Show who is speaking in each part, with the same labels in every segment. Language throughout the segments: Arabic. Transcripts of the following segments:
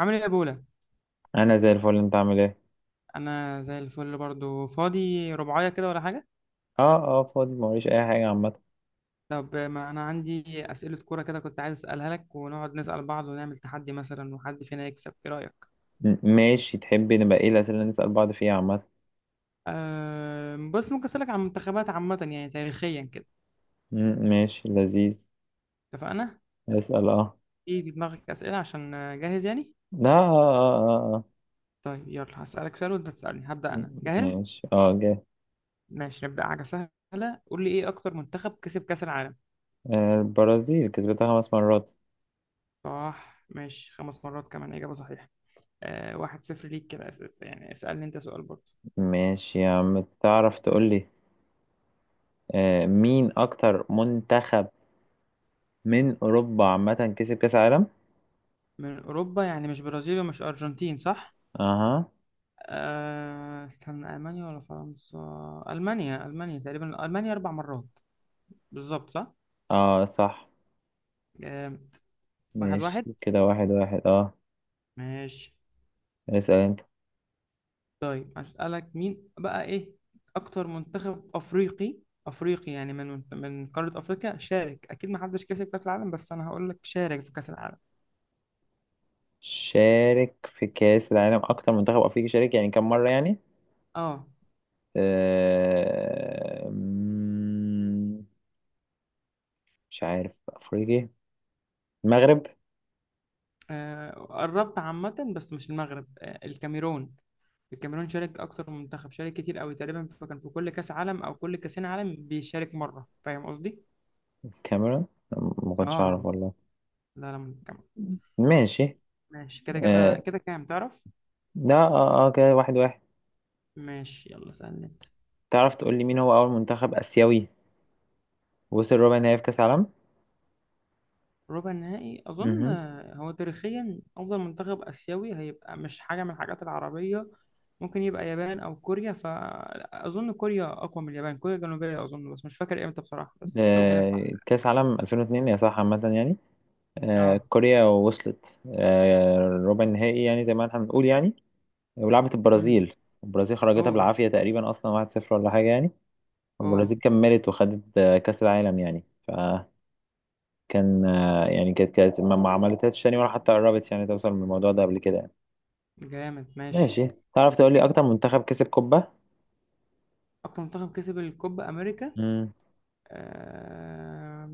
Speaker 1: عامل ايه يا بولا؟
Speaker 2: انا زي الفل، انت عامل ايه؟
Speaker 1: انا زي الفل برضو، فاضي رباعية كده ولا حاجة؟
Speaker 2: اه اه، فاضي موريش اي حاجه عامه.
Speaker 1: طب ما انا عندي اسئلة كورة كده، كنت عايز اسألها لك ونقعد نسأل بعض ونعمل تحدي مثلا وحد فينا يكسب. ايه رأيك؟
Speaker 2: ماشي، تحب نبقى ايه الاسئله اللي نسال بعض فيها عامه؟
Speaker 1: أه بس ممكن اسألك عن منتخبات عامة يعني تاريخيا كده؟
Speaker 2: ماشي، لذيذ.
Speaker 1: اتفقنا.
Speaker 2: اسال، اه.
Speaker 1: ايه في دماغك اسئلة عشان جاهز يعني؟
Speaker 2: لا، اه اه اه اه اه.
Speaker 1: طيب يلا هسألك سؤال وانت تسألني. هبدأ انا، جاهز؟
Speaker 2: ماشي، اه، جاي.
Speaker 1: ماشي نبدأ حاجة سهلة. قول لي ايه اكتر منتخب كسب كأس العالم؟
Speaker 2: البرازيل كسبتها خمس مرات.
Speaker 1: صح ماشي، 5 مرات كمان، إجابة صحيحة. أه 1-0 ليك كده. أسئلة يعني، اسألني انت سؤال برضو.
Speaker 2: ماشي يا عم، تعرف تقول لي مين اكتر منتخب من اوروبا عامه كسب كاس عالم؟
Speaker 1: من أوروبا يعني مش برازيل ومش أرجنتين صح؟
Speaker 2: اها.
Speaker 1: استنى، ألمانيا ولا فرنسا؟ ألمانيا، ألمانيا تقريبا، ألمانيا 4 مرات بالظبط صح؟
Speaker 2: اه، صح،
Speaker 1: آه، 1-1
Speaker 2: ماشي كده 1-1، اه.
Speaker 1: ماشي.
Speaker 2: اسال انت.
Speaker 1: طيب أسألك مين بقى، إيه أكتر منتخب أفريقي؟ أفريقي يعني من قارة أفريقيا شارك، أكيد ما حدش كسب كأس العالم بس أنا هقول لك شارك في كأس العالم.
Speaker 2: شارك في كأس العالم أكتر منتخب أفريقي شارك، يعني كم مرة يعني؟
Speaker 1: آه.
Speaker 2: أه... مم، مش عارف أفريقي. المغرب.
Speaker 1: قربت عامة بس مش المغرب. الكاميرون. الكاميرون شارك اكتر من منتخب، شارك كتير قوي، تقريبا فكان في كل كاس عالم او كل كاسين عالم بيشارك مره، فاهم قصدي؟
Speaker 2: الكاميرون. ما كنتش
Speaker 1: اه،
Speaker 2: أعرف والله.
Speaker 1: لا لا منتخب.
Speaker 2: ماشي.
Speaker 1: ماشي كده كده
Speaker 2: أه...
Speaker 1: كده كام تعرف؟
Speaker 2: لا، اه اه، كده 1-1.
Speaker 1: ماشي يلا سألني انت.
Speaker 2: تعرف تقول لي مين هو أول منتخب آسيوي وصل ربع نهائي في كأس العالم؟
Speaker 1: ربع النهائي اظن،
Speaker 2: مهم.
Speaker 1: هو تاريخيا افضل منتخب اسيوي هيبقى مش حاجه من الحاجات العربيه. ممكن يبقى يابان او كوريا، فاظن كوريا اقوى من اليابان، كوريا الجنوبيه اظن، بس مش فاكر امتى بصراحه، بس لو هي صح.
Speaker 2: كأس عالم 2002 يا صح، عامة يعني.
Speaker 1: اه.
Speaker 2: كوريا وصلت ربع النهائي، يعني زي ما احنا بنقول يعني. ولعبت
Speaker 1: امم.
Speaker 2: البرازيل. البرازيل خرجتها
Speaker 1: اوه.
Speaker 2: بالعافية تقريبا أصلا، 1-0 ولا حاجة يعني.
Speaker 1: اوه.
Speaker 2: البرازيل كملت وخدت كأس العالم يعني. فكان يعني كانت ما عملتهاش تاني ولا حتى قربت يعني توصل من الموضوع ده قبل كده يعني.
Speaker 1: جامد ماشي.
Speaker 2: ماشي، تعرف تقول لي أكتر منتخب كسب قبة؟
Speaker 1: أقوى منتخب كسب الكوبا أمريكا
Speaker 2: امم.
Speaker 1: آم،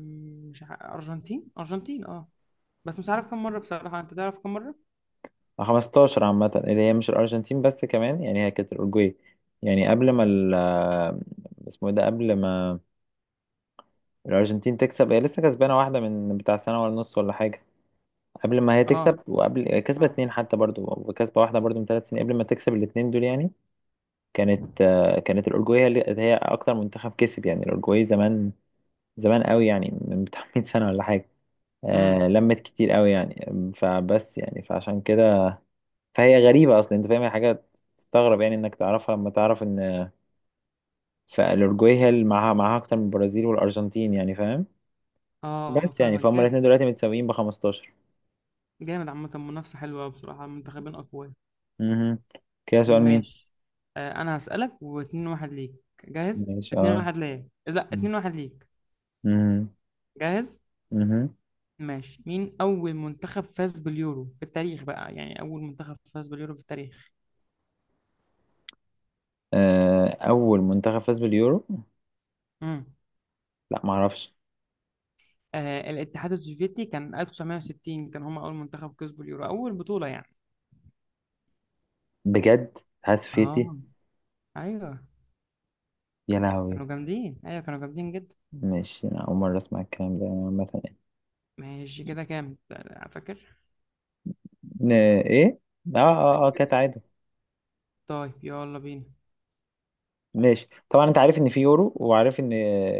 Speaker 1: مش أرجنتين، أرجنتين أه. بس مش عارف كم مرة بصراحة، أنت تعرف كم مرة؟
Speaker 2: 15، عامة اللي هي مش الأرجنتين بس، كمان يعني هي كانت الأورجواي. يعني قبل ما ال آه، اسمه إيه ده، قبل ما الأرجنتين تكسب، هي لسه كسبانة واحدة من بتاع سنة ولا نص ولا حاجة قبل ما هي
Speaker 1: أه.
Speaker 2: تكسب، وقبل كسبت
Speaker 1: أه.
Speaker 2: اتنين حتى برضو، وكسبة واحدة برضو من 3 سنين قبل ما تكسب الاتنين دول يعني. كانت الأورجواي هي أكتر منتخب كسب يعني. الأورجواي زمان زمان قوي يعني، من بتاع 100 سنة ولا حاجة.
Speaker 1: أمم.
Speaker 2: لمت كتير قوي يعني. فبس يعني فعشان كده، فهي غريبة أصلا، أنت فاهم هي حاجة تستغرب يعني إنك تعرفها، لما تعرف إن فالأورجواي هي اللي معاها أكتر من البرازيل والأرجنتين يعني، فاهم.
Speaker 1: أه
Speaker 2: بس يعني
Speaker 1: فاهمك
Speaker 2: فهم
Speaker 1: جامد.
Speaker 2: الاتنين دلوقتي متساويين ب 15.
Speaker 1: جامد عامة، منافسة حلوة أوي بصراحة، منتخبين أقوياء.
Speaker 2: مهم. كده سؤال مين؟
Speaker 1: ماشي. آه أنا هسألك، واتنين واحد ليك. جاهز؟
Speaker 2: ماشي،
Speaker 1: اتنين
Speaker 2: اه.
Speaker 1: واحد ليا، لا 2-1 ليك.
Speaker 2: مهم.
Speaker 1: جاهز؟
Speaker 2: مهم.
Speaker 1: ماشي، مين أول منتخب فاز باليورو في التاريخ بقى، يعني أول منتخب فاز باليورو في التاريخ؟
Speaker 2: أول منتخب فاز باليورو.
Speaker 1: امم.
Speaker 2: لا، معرفش.
Speaker 1: آه الاتحاد السوفيتي كان 1960، كان هم أول منتخب كسبوا اليورو، أول بطولة يعني.
Speaker 2: بجد، الاتحاد السوفيتي؟
Speaker 1: اه أيوه،
Speaker 2: يا لهوي.
Speaker 1: كانوا جامدين، أيوه كانوا جامدين جدا.
Speaker 2: ماشي، أنا أول مرة أسمع الكلام ده مثلا.
Speaker 1: ماشي كده كام فاكر؟
Speaker 2: ن- إيه؟ آه آه آه، كانت عادي.
Speaker 1: طيب يلا بينا.
Speaker 2: ماشي، طبعا أنت عارف إن في يورو وعارف إن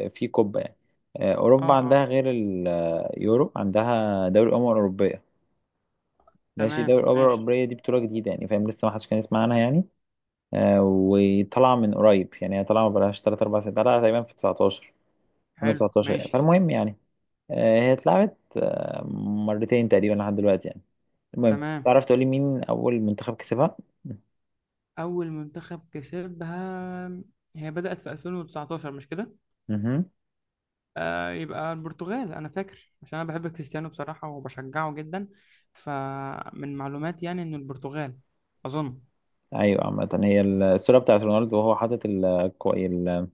Speaker 2: في كوبا يعني.
Speaker 1: اه
Speaker 2: أوروبا
Speaker 1: اه.
Speaker 2: عندها غير اليورو، عندها دوري الأمم الأوروبية. ماشي،
Speaker 1: تمام
Speaker 2: دوري الأمم
Speaker 1: ماشي.
Speaker 2: الأوروبية دي بطولة جديدة يعني، فاهم، لسه ما حدش كان يسمع عنها يعني. وطالعة من قريب، يعني هي طالعة ما بقالهاش 3 4 سنين، طالعة تقريبا في 19
Speaker 1: حلو
Speaker 2: 2019
Speaker 1: ماشي.
Speaker 2: فالمهم يعني. هي اتلعبت مرتين تقريبا لحد دلوقتي يعني. المهم،
Speaker 1: تمام،
Speaker 2: تعرف تقولي مين أول منتخب كسبها؟
Speaker 1: أول منتخب كسبها، هي بدأت في 2019 مش كده؟
Speaker 2: مهم.
Speaker 1: آه يبقى البرتغال، أنا فاكر عشان أنا بحب كريستيانو بصراحة وبشجعه جدا، فمن معلوماتي يعني إنه البرتغال أظن.
Speaker 2: أيوة، عامة هي الصورة بتاعت رونالدو وهو حاطط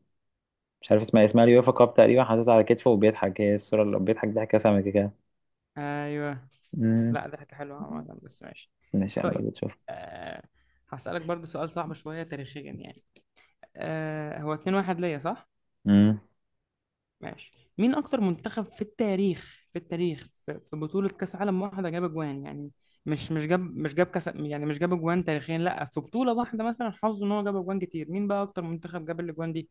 Speaker 2: مش عارف اسمها إيه، اسمها اليوفا كاب تقريبا، حاططها على كتفه وبيضحك، هي الصورة اللي بيضحك ضحكة سمكة كده كده.
Speaker 1: أيوه.
Speaker 2: مم.
Speaker 1: لا ده حاجة حلوة عامة بس ماشي.
Speaker 2: ماشي يا عم،
Speaker 1: طيب.
Speaker 2: بتشوف.
Speaker 1: أه هسألك برضو سؤال صعب شوية تاريخيا يعني. أه هو 2-1 ليا صح؟
Speaker 2: امم.
Speaker 1: ماشي، مين أكتر منتخب في التاريخ، في التاريخ، في بطولة كأس عالم واحدة جاب أجوان يعني، مش جاب كأس يعني، مش جاب أجوان تاريخيا لا، في بطولة واحدة مثلا حظه إن هو جاب أجوان كتير، مين بقى أكتر منتخب جاب الأجوان دي؟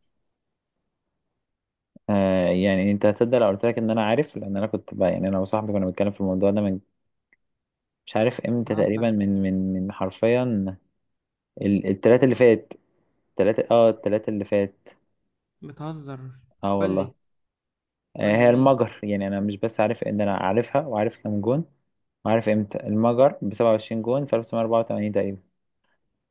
Speaker 2: يعني انت هتصدق لو قلت لك ان انا عارف، لان انا كنت بقى يعني، انا وصاحبي كنا بنتكلم في الموضوع ده من مش عارف امتى تقريبا،
Speaker 1: بتهزر.
Speaker 2: من حرفيا التلاتة اللي فات. التلاتة اللي فات.
Speaker 1: بتهزر.
Speaker 2: اه،
Speaker 1: قول
Speaker 2: والله.
Speaker 1: لي. قول لي
Speaker 2: هي
Speaker 1: مين؟
Speaker 2: المجر يعني، انا مش بس عارف ان انا عارفها وعارف كام جون وعارف امتى، المجر ب 27 جون في 1984 تقريبا.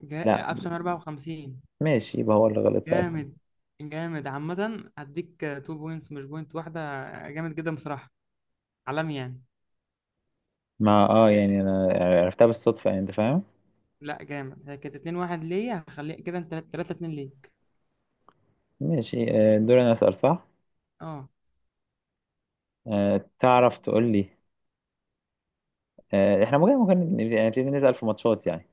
Speaker 2: لا.
Speaker 1: 1954.
Speaker 2: ماشي، يبقى هو اللي غلط ساعتها.
Speaker 1: جامد. جامد عامة، هديك تو بوينتس مش بوينت واحدة. جامد جدا بصراحة. عالمي يعني.
Speaker 2: ما
Speaker 1: إيه،
Speaker 2: يعني انا عرفتها بالصدفة يعني، انت فاهم.
Speaker 1: لا جامد. هي كانت 2-1 ليا، هخليها كده انت 3-2 ليك.
Speaker 2: ماشي، دور انا اسأل، صح.
Speaker 1: اه
Speaker 2: تعرف تقول لي احنا ممكن يعني نبتدي نسأل في ماتشات يعني.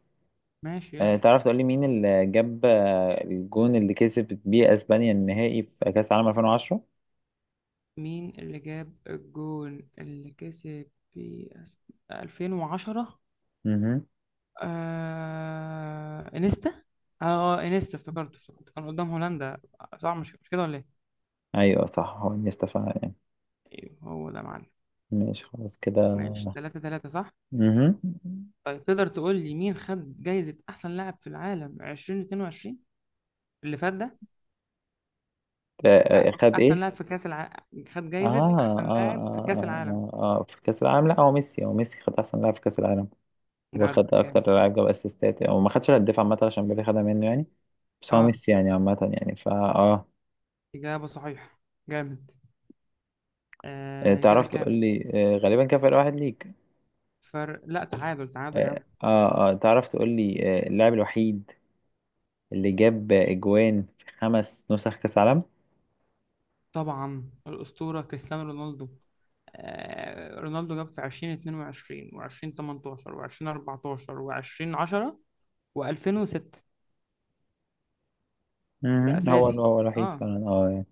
Speaker 1: ماشي يلا.
Speaker 2: تعرف تقول لي مين اللي جاب الجون اللي كسبت بيه اسبانيا النهائي في كأس العالم 2010؟
Speaker 1: مين اللي جاب الجون اللي كسب في 2010؟
Speaker 2: امم.
Speaker 1: انيستا. اه انيستا، افتكرته افتكرته كان قدام هولندا صح، مش مش كده ولا ايه؟
Speaker 2: ايوه، صح، هو انيستا فعلا يعني.
Speaker 1: أيوه، هو ده يا معلم.
Speaker 2: ماشي، خلاص كده.
Speaker 1: ماشي، 3-3 صح.
Speaker 2: مهم.
Speaker 1: طيب تقدر تقول لي مين خد جايزة أحسن لاعب في العالم 2022 اللي فات ده؟ أ-
Speaker 2: خد
Speaker 1: أحسن
Speaker 2: ايه؟
Speaker 1: لاعب في كأس العالم، خد جايزة أحسن لاعب في كأس العالم.
Speaker 2: في كأس العالم، لا، هو ميسي، خد أحسن لاعب في كأس العالم
Speaker 1: جدع
Speaker 2: وخد أكتر
Speaker 1: جامد.
Speaker 2: لاعب جاب أسيستات، أو ما خدش الهداف عامة عشان بيبي خدها منه يعني. بس هو
Speaker 1: أه
Speaker 2: ميسي يعني عامة يعني فا آه
Speaker 1: إجابة صحيحة. جامد. آه كده
Speaker 2: تعرف تقول
Speaker 1: كام؟
Speaker 2: لي غالبا كان فرق واحد ليك.
Speaker 1: فرق لا، تعادل تعادل يا عم.
Speaker 2: تعرف تقول لي اللاعب الوحيد اللي جاب أجوان في خمس نسخ كأس العالم؟
Speaker 1: طبعا الأسطورة كريستيانو رونالدو. آه رونالدو جاب في 2022 و2018 و2014 و2010 و2006. ده
Speaker 2: مهم. هو
Speaker 1: أساسي.
Speaker 2: هو الوحيد
Speaker 1: أه
Speaker 2: فعلا يعني.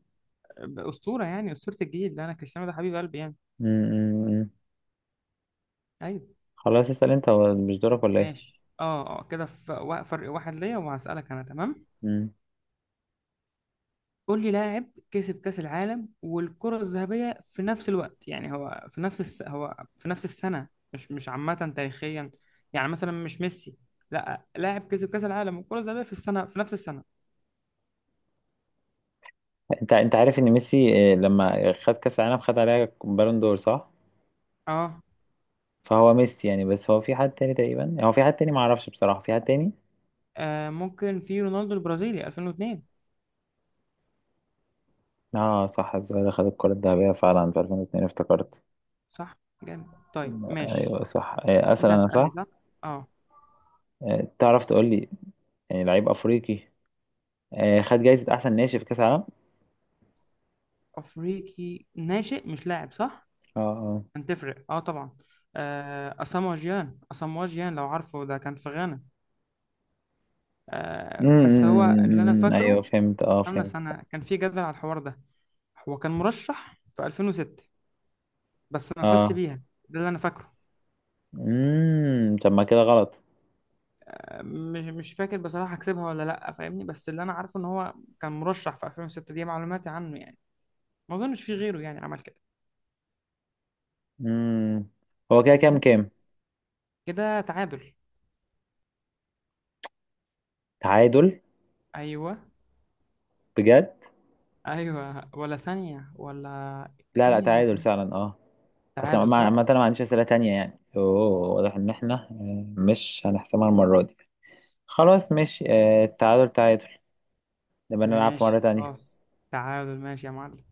Speaker 1: أسطورة يعني، أسطورة الجيل ده أنا، كريستيانو ده حبيب قلبي يعني.
Speaker 2: مم، مم، مم.
Speaker 1: ايوه.
Speaker 2: خلاص، اسأل أنت، هو مش دورك ولا؟
Speaker 1: ماشي اه اه كده، في فرق واحد ليا، وهسألك انا تمام.
Speaker 2: إيه؟
Speaker 1: قول لي لاعب كسب كأس العالم والكرة الذهبية في نفس الوقت يعني، هو في نفس السنة، مش مش عامة تاريخيا، يعني مثلا مش ميسي، لا لاعب كسب كأس العالم والكرة الذهبية في السنة في نفس السنة.
Speaker 2: انت عارف ان ميسي، لما خد كاس العالم خد عليها بالون دور، صح.
Speaker 1: اه,
Speaker 2: فهو ميسي يعني، بس هو في حد تاني تقريبا، هو في حد تاني ما اعرفش بصراحه، في حد تاني.
Speaker 1: ممكن في رونالدو البرازيلي 2002.
Speaker 2: اه، صح، الظاهر خد الكره الذهبيه فعلا في 2002 افتكرت.
Speaker 1: صح. جامد. طيب ماشي.
Speaker 2: ايوه، صح، اسال
Speaker 1: انت
Speaker 2: انا،
Speaker 1: هتسألني
Speaker 2: صح.
Speaker 1: صح. اه.
Speaker 2: تعرف تقول لي يعني لعيب افريقي خد جايزه احسن ناشئ في كاس العالم.
Speaker 1: افريقي ناشئ مش لاعب صح؟
Speaker 2: اه، اه.
Speaker 1: كانت تفرق اه طبعا. آه اسامو جيان، اسامو جيان لو عارفه ده كان في غانا. آه
Speaker 2: أمم،
Speaker 1: بس
Speaker 2: أمم،
Speaker 1: هو اللي انا
Speaker 2: أمم، أمم، ايوه
Speaker 1: فاكره.
Speaker 2: فهمت، اه،
Speaker 1: استنى،
Speaker 2: فهمت.
Speaker 1: سنة كان في جدل على الحوار ده. هو كان مرشح في 2006 بس ما فازش
Speaker 2: اه.
Speaker 1: بيها. ده اللي انا فاكره.
Speaker 2: طب، ما كده غلط.
Speaker 1: مش مش فاكر بصراحة كسبها ولا لا فاهمني، بس اللي انا عارفه ان هو كان مرشح في 2006، دي معلوماتي عنه يعني. ما اظنش في غيره يعني عمل كده،
Speaker 2: امم هو كده كام
Speaker 1: فاهمني.
Speaker 2: كام؟
Speaker 1: كده تعادل.
Speaker 2: تعادل.
Speaker 1: ايوه.
Speaker 2: بجد؟
Speaker 1: ايوه ولا ثانية ولا؟
Speaker 2: لا، لا،
Speaker 1: ثانية هو
Speaker 2: تعادل
Speaker 1: كان،
Speaker 2: فعلا، اه. اصلا
Speaker 1: تعادل صح.
Speaker 2: عامة انا ما عنديش اسئله تانية يعني، اوه. واضح ان احنا مش هنحسمها المره دي. خلاص، ماشي، التعادل تعادل. نبقى نلعب في
Speaker 1: ماشي
Speaker 2: مره تانية.
Speaker 1: خلاص. تعادل ماشي يا معلم.